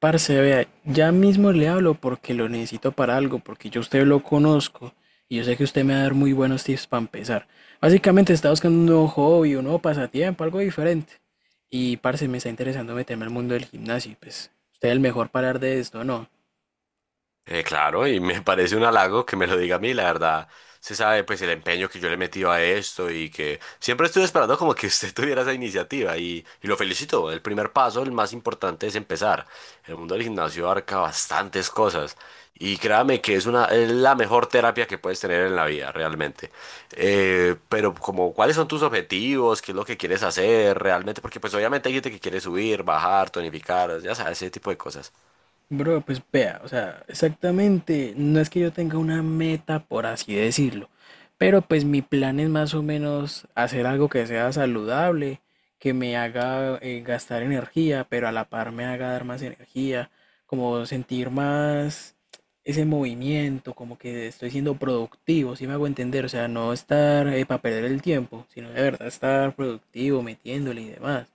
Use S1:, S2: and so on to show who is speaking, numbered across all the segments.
S1: Parce, vea, ya mismo le hablo porque lo necesito para algo, porque yo a usted lo conozco y yo sé que usted me va a dar muy buenos tips para empezar. Básicamente está buscando un nuevo hobby, un nuevo pasatiempo, algo diferente. Y parce, me está interesando meterme al mundo del gimnasio y pues usted es el mejor para hablar de esto, ¿no?
S2: Claro, y me parece un halago que me lo diga a mí, la verdad. Se sabe pues el empeño que yo le he metido a esto y que siempre estuve esperando como que usted tuviera esa iniciativa y lo felicito. El primer paso, el más importante es empezar. El mundo del gimnasio abarca bastantes cosas y créame que es una, es la mejor terapia que puedes tener en la vida, realmente. Pero como, ¿cuáles son tus objetivos? ¿Qué es lo que quieres hacer realmente? Porque pues obviamente hay gente que quiere subir, bajar, tonificar, ya sabes, ese tipo de cosas.
S1: Bro, pues vea, o sea, exactamente, no es que yo tenga una meta, por así decirlo, pero pues mi plan es más o menos hacer algo que sea saludable, que me haga gastar energía, pero a la par me haga dar más energía, como sentir más ese movimiento, como que estoy siendo productivo, si me hago entender, o sea, no estar para perder el tiempo, sino de verdad estar productivo, metiéndole y demás.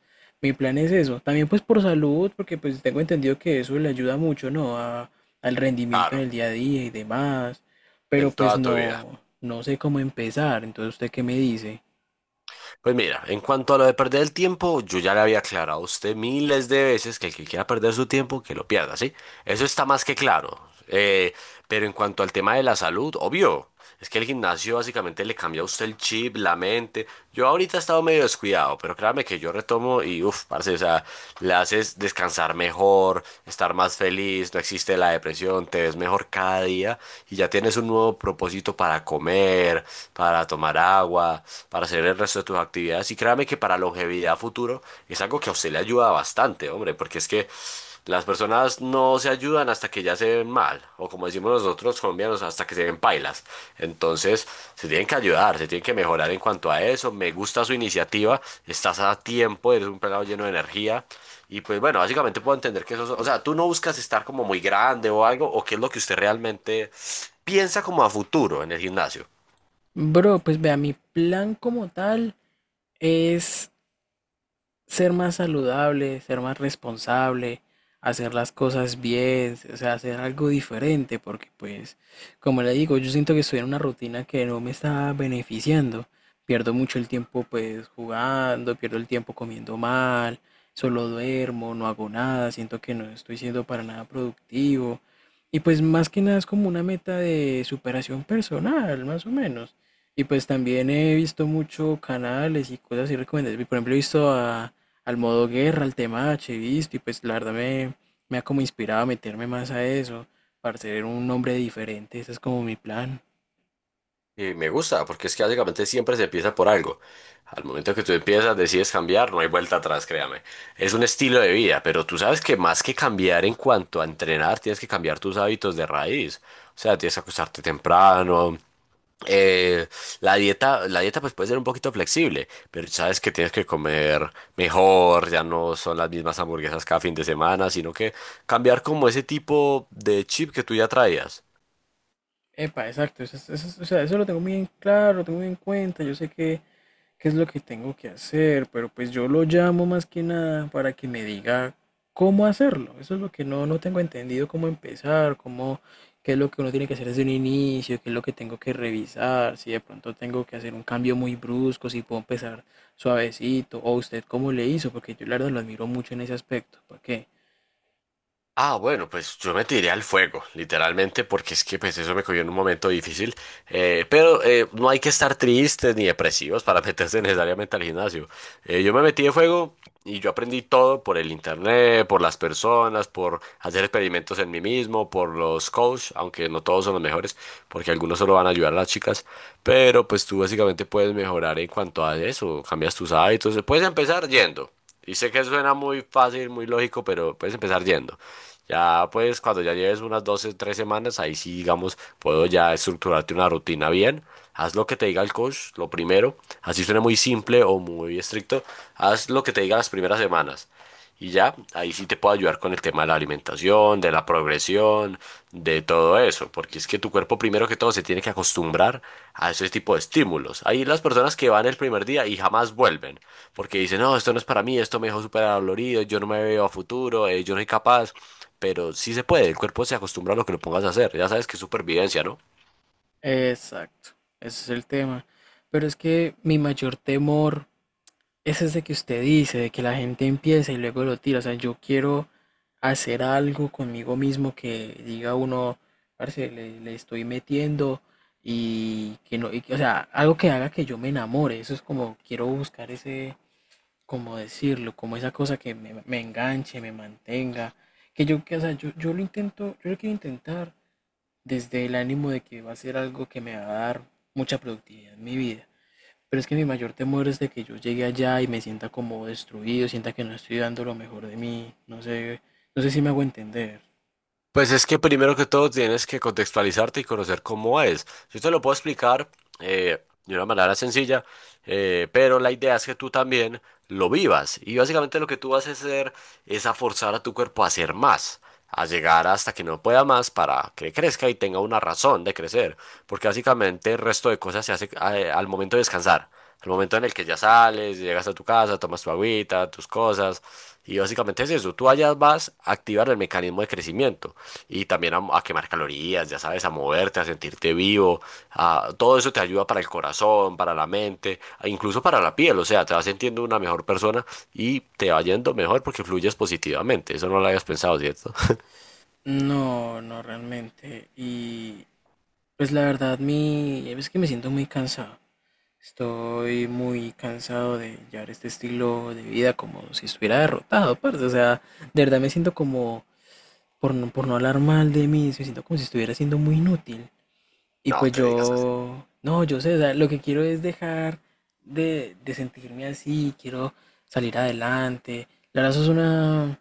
S1: Mi plan es eso. También pues por salud, porque pues tengo entendido que eso le ayuda mucho, ¿no? Al rendimiento en
S2: Claro,
S1: el día a día y demás. Pero
S2: en
S1: pues
S2: toda tu vida.
S1: no, no sé cómo empezar. Entonces, ¿usted qué me dice?
S2: Pues mira, en cuanto a lo de perder el tiempo, yo ya le había aclarado a usted miles de veces que el que quiera perder su tiempo, que lo pierda, ¿sí? Eso está más que claro. Eh, pero en cuanto al tema de la salud, obvio, es que el gimnasio básicamente le cambia a usted el chip, la mente. Yo ahorita he estado medio descuidado, pero créame que yo retomo y uff, parce, o sea, le haces descansar mejor, estar más feliz, no existe la depresión, te ves mejor cada día y ya tienes un nuevo propósito para comer, para tomar agua, para hacer el resto de tus actividades. Y créame que para longevidad futuro es algo que a usted le ayuda bastante, hombre, porque es que. Las personas no se ayudan hasta que ya se ven mal, o como decimos nosotros colombianos, hasta que se ven pailas. Entonces, se tienen que ayudar, se tienen que mejorar en cuanto a eso. Me gusta su iniciativa, estás a tiempo, eres un pelado lleno de energía. Y pues bueno, básicamente puedo entender que eso, es- o sea, tú no buscas estar como muy grande o algo, o qué es lo que usted realmente piensa como a futuro en el gimnasio.
S1: Bro, pues vea, mi plan como tal es ser más saludable, ser más responsable, hacer las cosas bien, o sea, hacer algo diferente, porque pues, como le digo, yo siento que estoy en una rutina que no me está beneficiando. Pierdo mucho el tiempo pues jugando, pierdo el tiempo comiendo mal, solo duermo, no hago nada, siento que no estoy siendo para nada productivo. Y pues más que nada es como una meta de superación personal, más o menos. Y pues también he visto mucho canales y cosas y recomendaciones. Por ejemplo, he visto a al modo guerra, al tema chavista, y pues la verdad me, me ha como inspirado a meterme más a eso, para ser un hombre diferente, ese es como mi plan.
S2: Y me gusta, porque es que básicamente siempre se empieza por algo. Al momento que tú empiezas, decides cambiar, no hay vuelta atrás, créame. Es un estilo de vida, pero tú sabes que más que cambiar en cuanto a entrenar, tienes que cambiar tus hábitos de raíz. O sea, tienes que acostarte temprano. eh, la dieta, la dieta pues puede ser un poquito flexible, pero sabes que tienes que comer mejor, ya no son las mismas hamburguesas cada fin de semana, sino que cambiar como ese tipo de chip que tú ya traías.
S1: Epa, exacto, eso, eso o sea, eso lo tengo muy en claro, lo tengo muy en cuenta, yo sé que qué es lo que tengo que hacer, pero pues yo lo llamo más que nada para que me diga cómo hacerlo. Eso es lo que no, no tengo entendido, cómo empezar, cómo, qué es lo que uno tiene que hacer desde un inicio, qué es lo que tengo que revisar, si de pronto tengo que hacer un cambio muy brusco, si puedo empezar suavecito, o usted cómo le hizo, porque yo la verdad lo admiro mucho en ese aspecto. ¿Por qué?
S2: Ah, bueno, pues yo me tiré al fuego, literalmente, porque es que pues eso me cogió en un momento difícil. Pero no hay que estar tristes ni depresivos para meterse necesariamente al gimnasio. Yo me metí de fuego y yo aprendí todo por el internet, por las personas, por hacer experimentos en mí mismo, por los coaches, aunque no todos son los mejores, porque algunos solo van a ayudar a las chicas. Pero pues tú básicamente puedes mejorar en cuanto a eso, cambias tus hábitos, puedes empezar yendo. Y sé que suena muy fácil, muy lógico, pero puedes empezar yendo. Ya pues cuando ya lleves unas 12, 3 semanas, ahí sí, digamos, puedo ya estructurarte una rutina bien. Haz lo que te diga el coach, lo primero. Así suena muy simple o muy estricto. Haz lo que te diga las primeras semanas. Y ya, ahí sí te puedo ayudar con el tema de la alimentación, de la progresión, de todo eso, porque es que tu cuerpo primero que todo se tiene que acostumbrar a ese tipo de estímulos. Hay las personas que van el primer día y jamás vuelven, porque dicen, no, esto no es para mí, esto me dejó súper dolorido, yo no me veo a futuro, yo no soy capaz, pero sí se puede, el cuerpo se acostumbra a lo que lo pongas a hacer, ya sabes que es supervivencia, ¿no?
S1: Exacto, ese es el tema. Pero es que mi mayor temor es ese que usted dice, de que la gente empieza y luego lo tira. O sea, yo quiero hacer algo conmigo mismo que diga uno, parce, le estoy metiendo y que no, o sea, algo que haga que yo me enamore. Eso es como, quiero buscar ese, como decirlo, como esa cosa que me enganche, me mantenga. O sea, yo lo intento, yo lo quiero intentar desde el ánimo de que va a ser algo que me va a dar mucha productividad en mi vida. Pero es que mi mayor temor es de que yo llegue allá y me sienta como destruido, sienta que no estoy dando lo mejor de mí, no sé, no sé si me hago entender.
S2: Pues es que primero que todo tienes que contextualizarte y conocer cómo es. Yo te lo puedo explicar de una manera sencilla, pero la idea es que tú también lo vivas. Y básicamente lo que tú vas a hacer es a forzar a tu cuerpo a hacer más, a llegar hasta que no pueda más para que crezca y tenga una razón de crecer. Porque básicamente el resto de cosas se hace al momento de descansar. El momento en el que ya sales, llegas a tu casa, tomas tu agüita, tus cosas, y básicamente es eso. Tú allá vas a activar el mecanismo de crecimiento y también a quemar calorías, ya sabes, a moverte, a sentirte vivo. Todo eso te ayuda para el corazón, para la mente, e incluso para la piel. O sea, te vas sintiendo una mejor persona y te va yendo mejor porque fluyes positivamente. Eso no lo habías pensado, ¿cierto?
S1: No, no realmente. Y pues la verdad, es que me siento muy cansado. Estoy muy cansado de llevar este estilo de vida como si estuviera derrotado, parce. O sea, de verdad me siento como, por no hablar mal de mí, me siento como si estuviera siendo muy inútil. Y
S2: No,
S1: pues
S2: te digas así.
S1: yo, no, yo sé, o sea, lo que quiero es dejar de sentirme así, quiero salir adelante. La verdad, eso es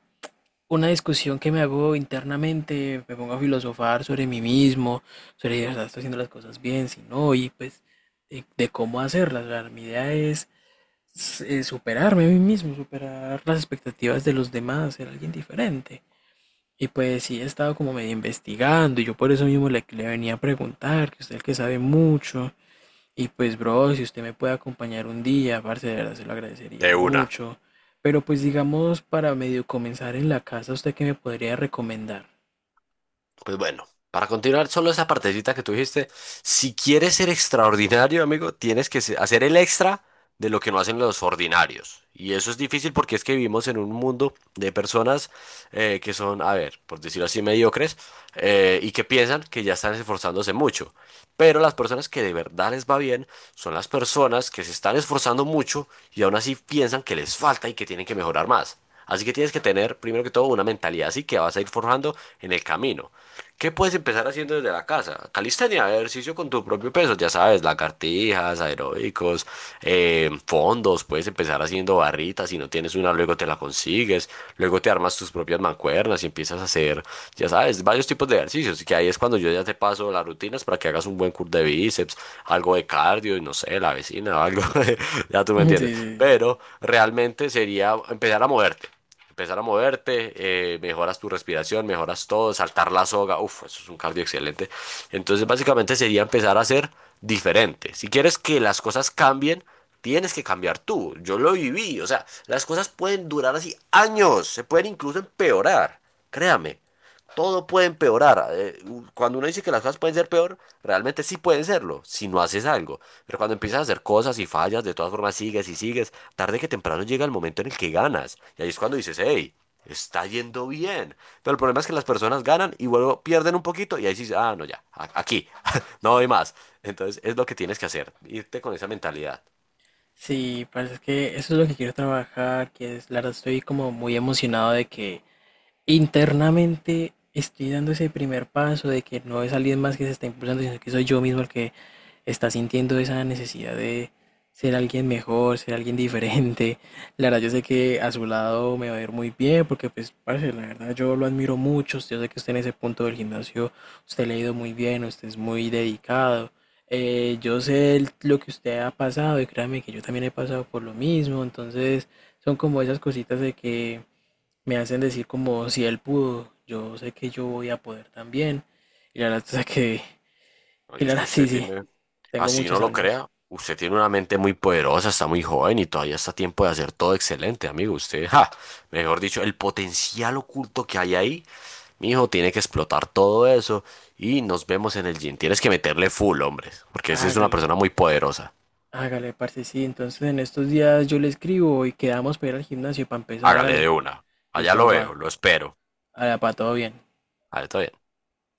S1: una discusión que me hago internamente, me pongo a filosofar sobre mí mismo, sobre si de verdad estoy haciendo las cosas bien, si no, y pues de cómo hacerlas. O sea, mi idea es superarme a mí mismo, superar las expectativas de los demás, ser alguien diferente. Y pues sí, he estado como medio investigando y yo por eso mismo le venía a preguntar, que usted es el que sabe mucho. Y pues, bro, si usted me puede acompañar un día, parce, de verdad se lo agradecería
S2: De una.
S1: mucho. Pero pues digamos, para medio comenzar en la casa, ¿usted qué me podría recomendar?
S2: Pues bueno, para continuar, solo esa partecita que tú dijiste, si quieres ser extraordinario, amigo, tienes que hacer el extra de lo que no hacen los ordinarios. Y eso es difícil porque es que vivimos en un mundo de personas que son, a ver, por decirlo así, mediocres y que piensan que ya están esforzándose mucho. Pero las personas que de verdad les va bien son las personas que se están esforzando mucho y aún así piensan que les falta y que tienen que mejorar más. Así que tienes que tener, primero que todo, una mentalidad así que vas a ir forjando en el camino. ¿Qué puedes empezar haciendo desde la casa? Calistenia, ejercicio con tu propio peso, ya sabes, lagartijas, aeróbicos, fondos, puedes empezar haciendo barritas, si no tienes una, luego te la consigues, luego te armas tus propias mancuernas y empiezas a hacer, ya sabes, varios tipos de ejercicios, y que ahí es cuando yo ya te paso las rutinas para que hagas un buen curl de bíceps, algo de cardio y no sé, la vecina o algo, ya tú me
S1: Sí, sí,
S2: entiendes.
S1: sí.
S2: Pero realmente sería empezar a moverte, mejoras tu respiración, mejoras todo, saltar la soga, uff, eso es un cardio excelente. Entonces básicamente sería empezar a ser diferente. Si quieres que las cosas cambien, tienes que cambiar tú. Yo lo viví, o sea, las cosas pueden durar así años, se pueden incluso empeorar, créame todo puede empeorar. Cuando uno dice que las cosas pueden ser peor, realmente sí pueden serlo, si no haces algo. Pero cuando empiezas a hacer cosas y fallas, de todas formas sigues y sigues, tarde que temprano llega el momento en el que ganas. Y ahí es cuando dices, hey, está yendo bien. Pero el problema es que las personas ganan y luego pierden un poquito y ahí dices, ah, no, ya, aquí, no hay más. Entonces es lo que tienes que hacer, irte con esa mentalidad.
S1: Sí, parce, es que eso es lo que quiero trabajar, que es, la verdad estoy como muy emocionado de que internamente estoy dando ese primer paso, de que no es alguien más que se está impulsando, sino que soy yo mismo el que está sintiendo esa necesidad de ser alguien mejor, ser alguien diferente. La verdad, yo sé que a su lado me va a ir muy bien, porque pues, parce, la verdad, yo lo admiro mucho. Yo sé que usted en ese punto del gimnasio, usted le ha ido muy bien, usted es muy dedicado. Yo sé lo que usted ha pasado y créame que yo también he pasado por lo mismo. Entonces, son como esas cositas de que me hacen decir como si él pudo, yo sé que yo voy a poder también. Y la verdad, o sea que
S2: Oye,
S1: la
S2: es que
S1: verdad, sí,
S2: usted
S1: sí,
S2: tiene.
S1: tengo
S2: Así no
S1: muchos
S2: lo
S1: años.
S2: crea. Usted tiene una mente muy poderosa, está muy joven y todavía está a tiempo de hacer todo excelente, amigo. Usted, ja, mejor dicho, el potencial oculto que hay ahí, mi hijo tiene que explotar todo eso y nos vemos en el gym. Tienes que meterle full, hombre, porque ese es una
S1: Hágale,
S2: persona muy poderosa.
S1: hágale, parce, sí. Entonces en estos días yo le escribo y quedamos para ir al gimnasio para empezar,
S2: Hágale de
S1: hágale.
S2: una. Allá
S1: Listo,
S2: lo veo,
S1: papá.
S2: lo espero.
S1: Hágale, papá, todo bien.
S2: A ver, está bien.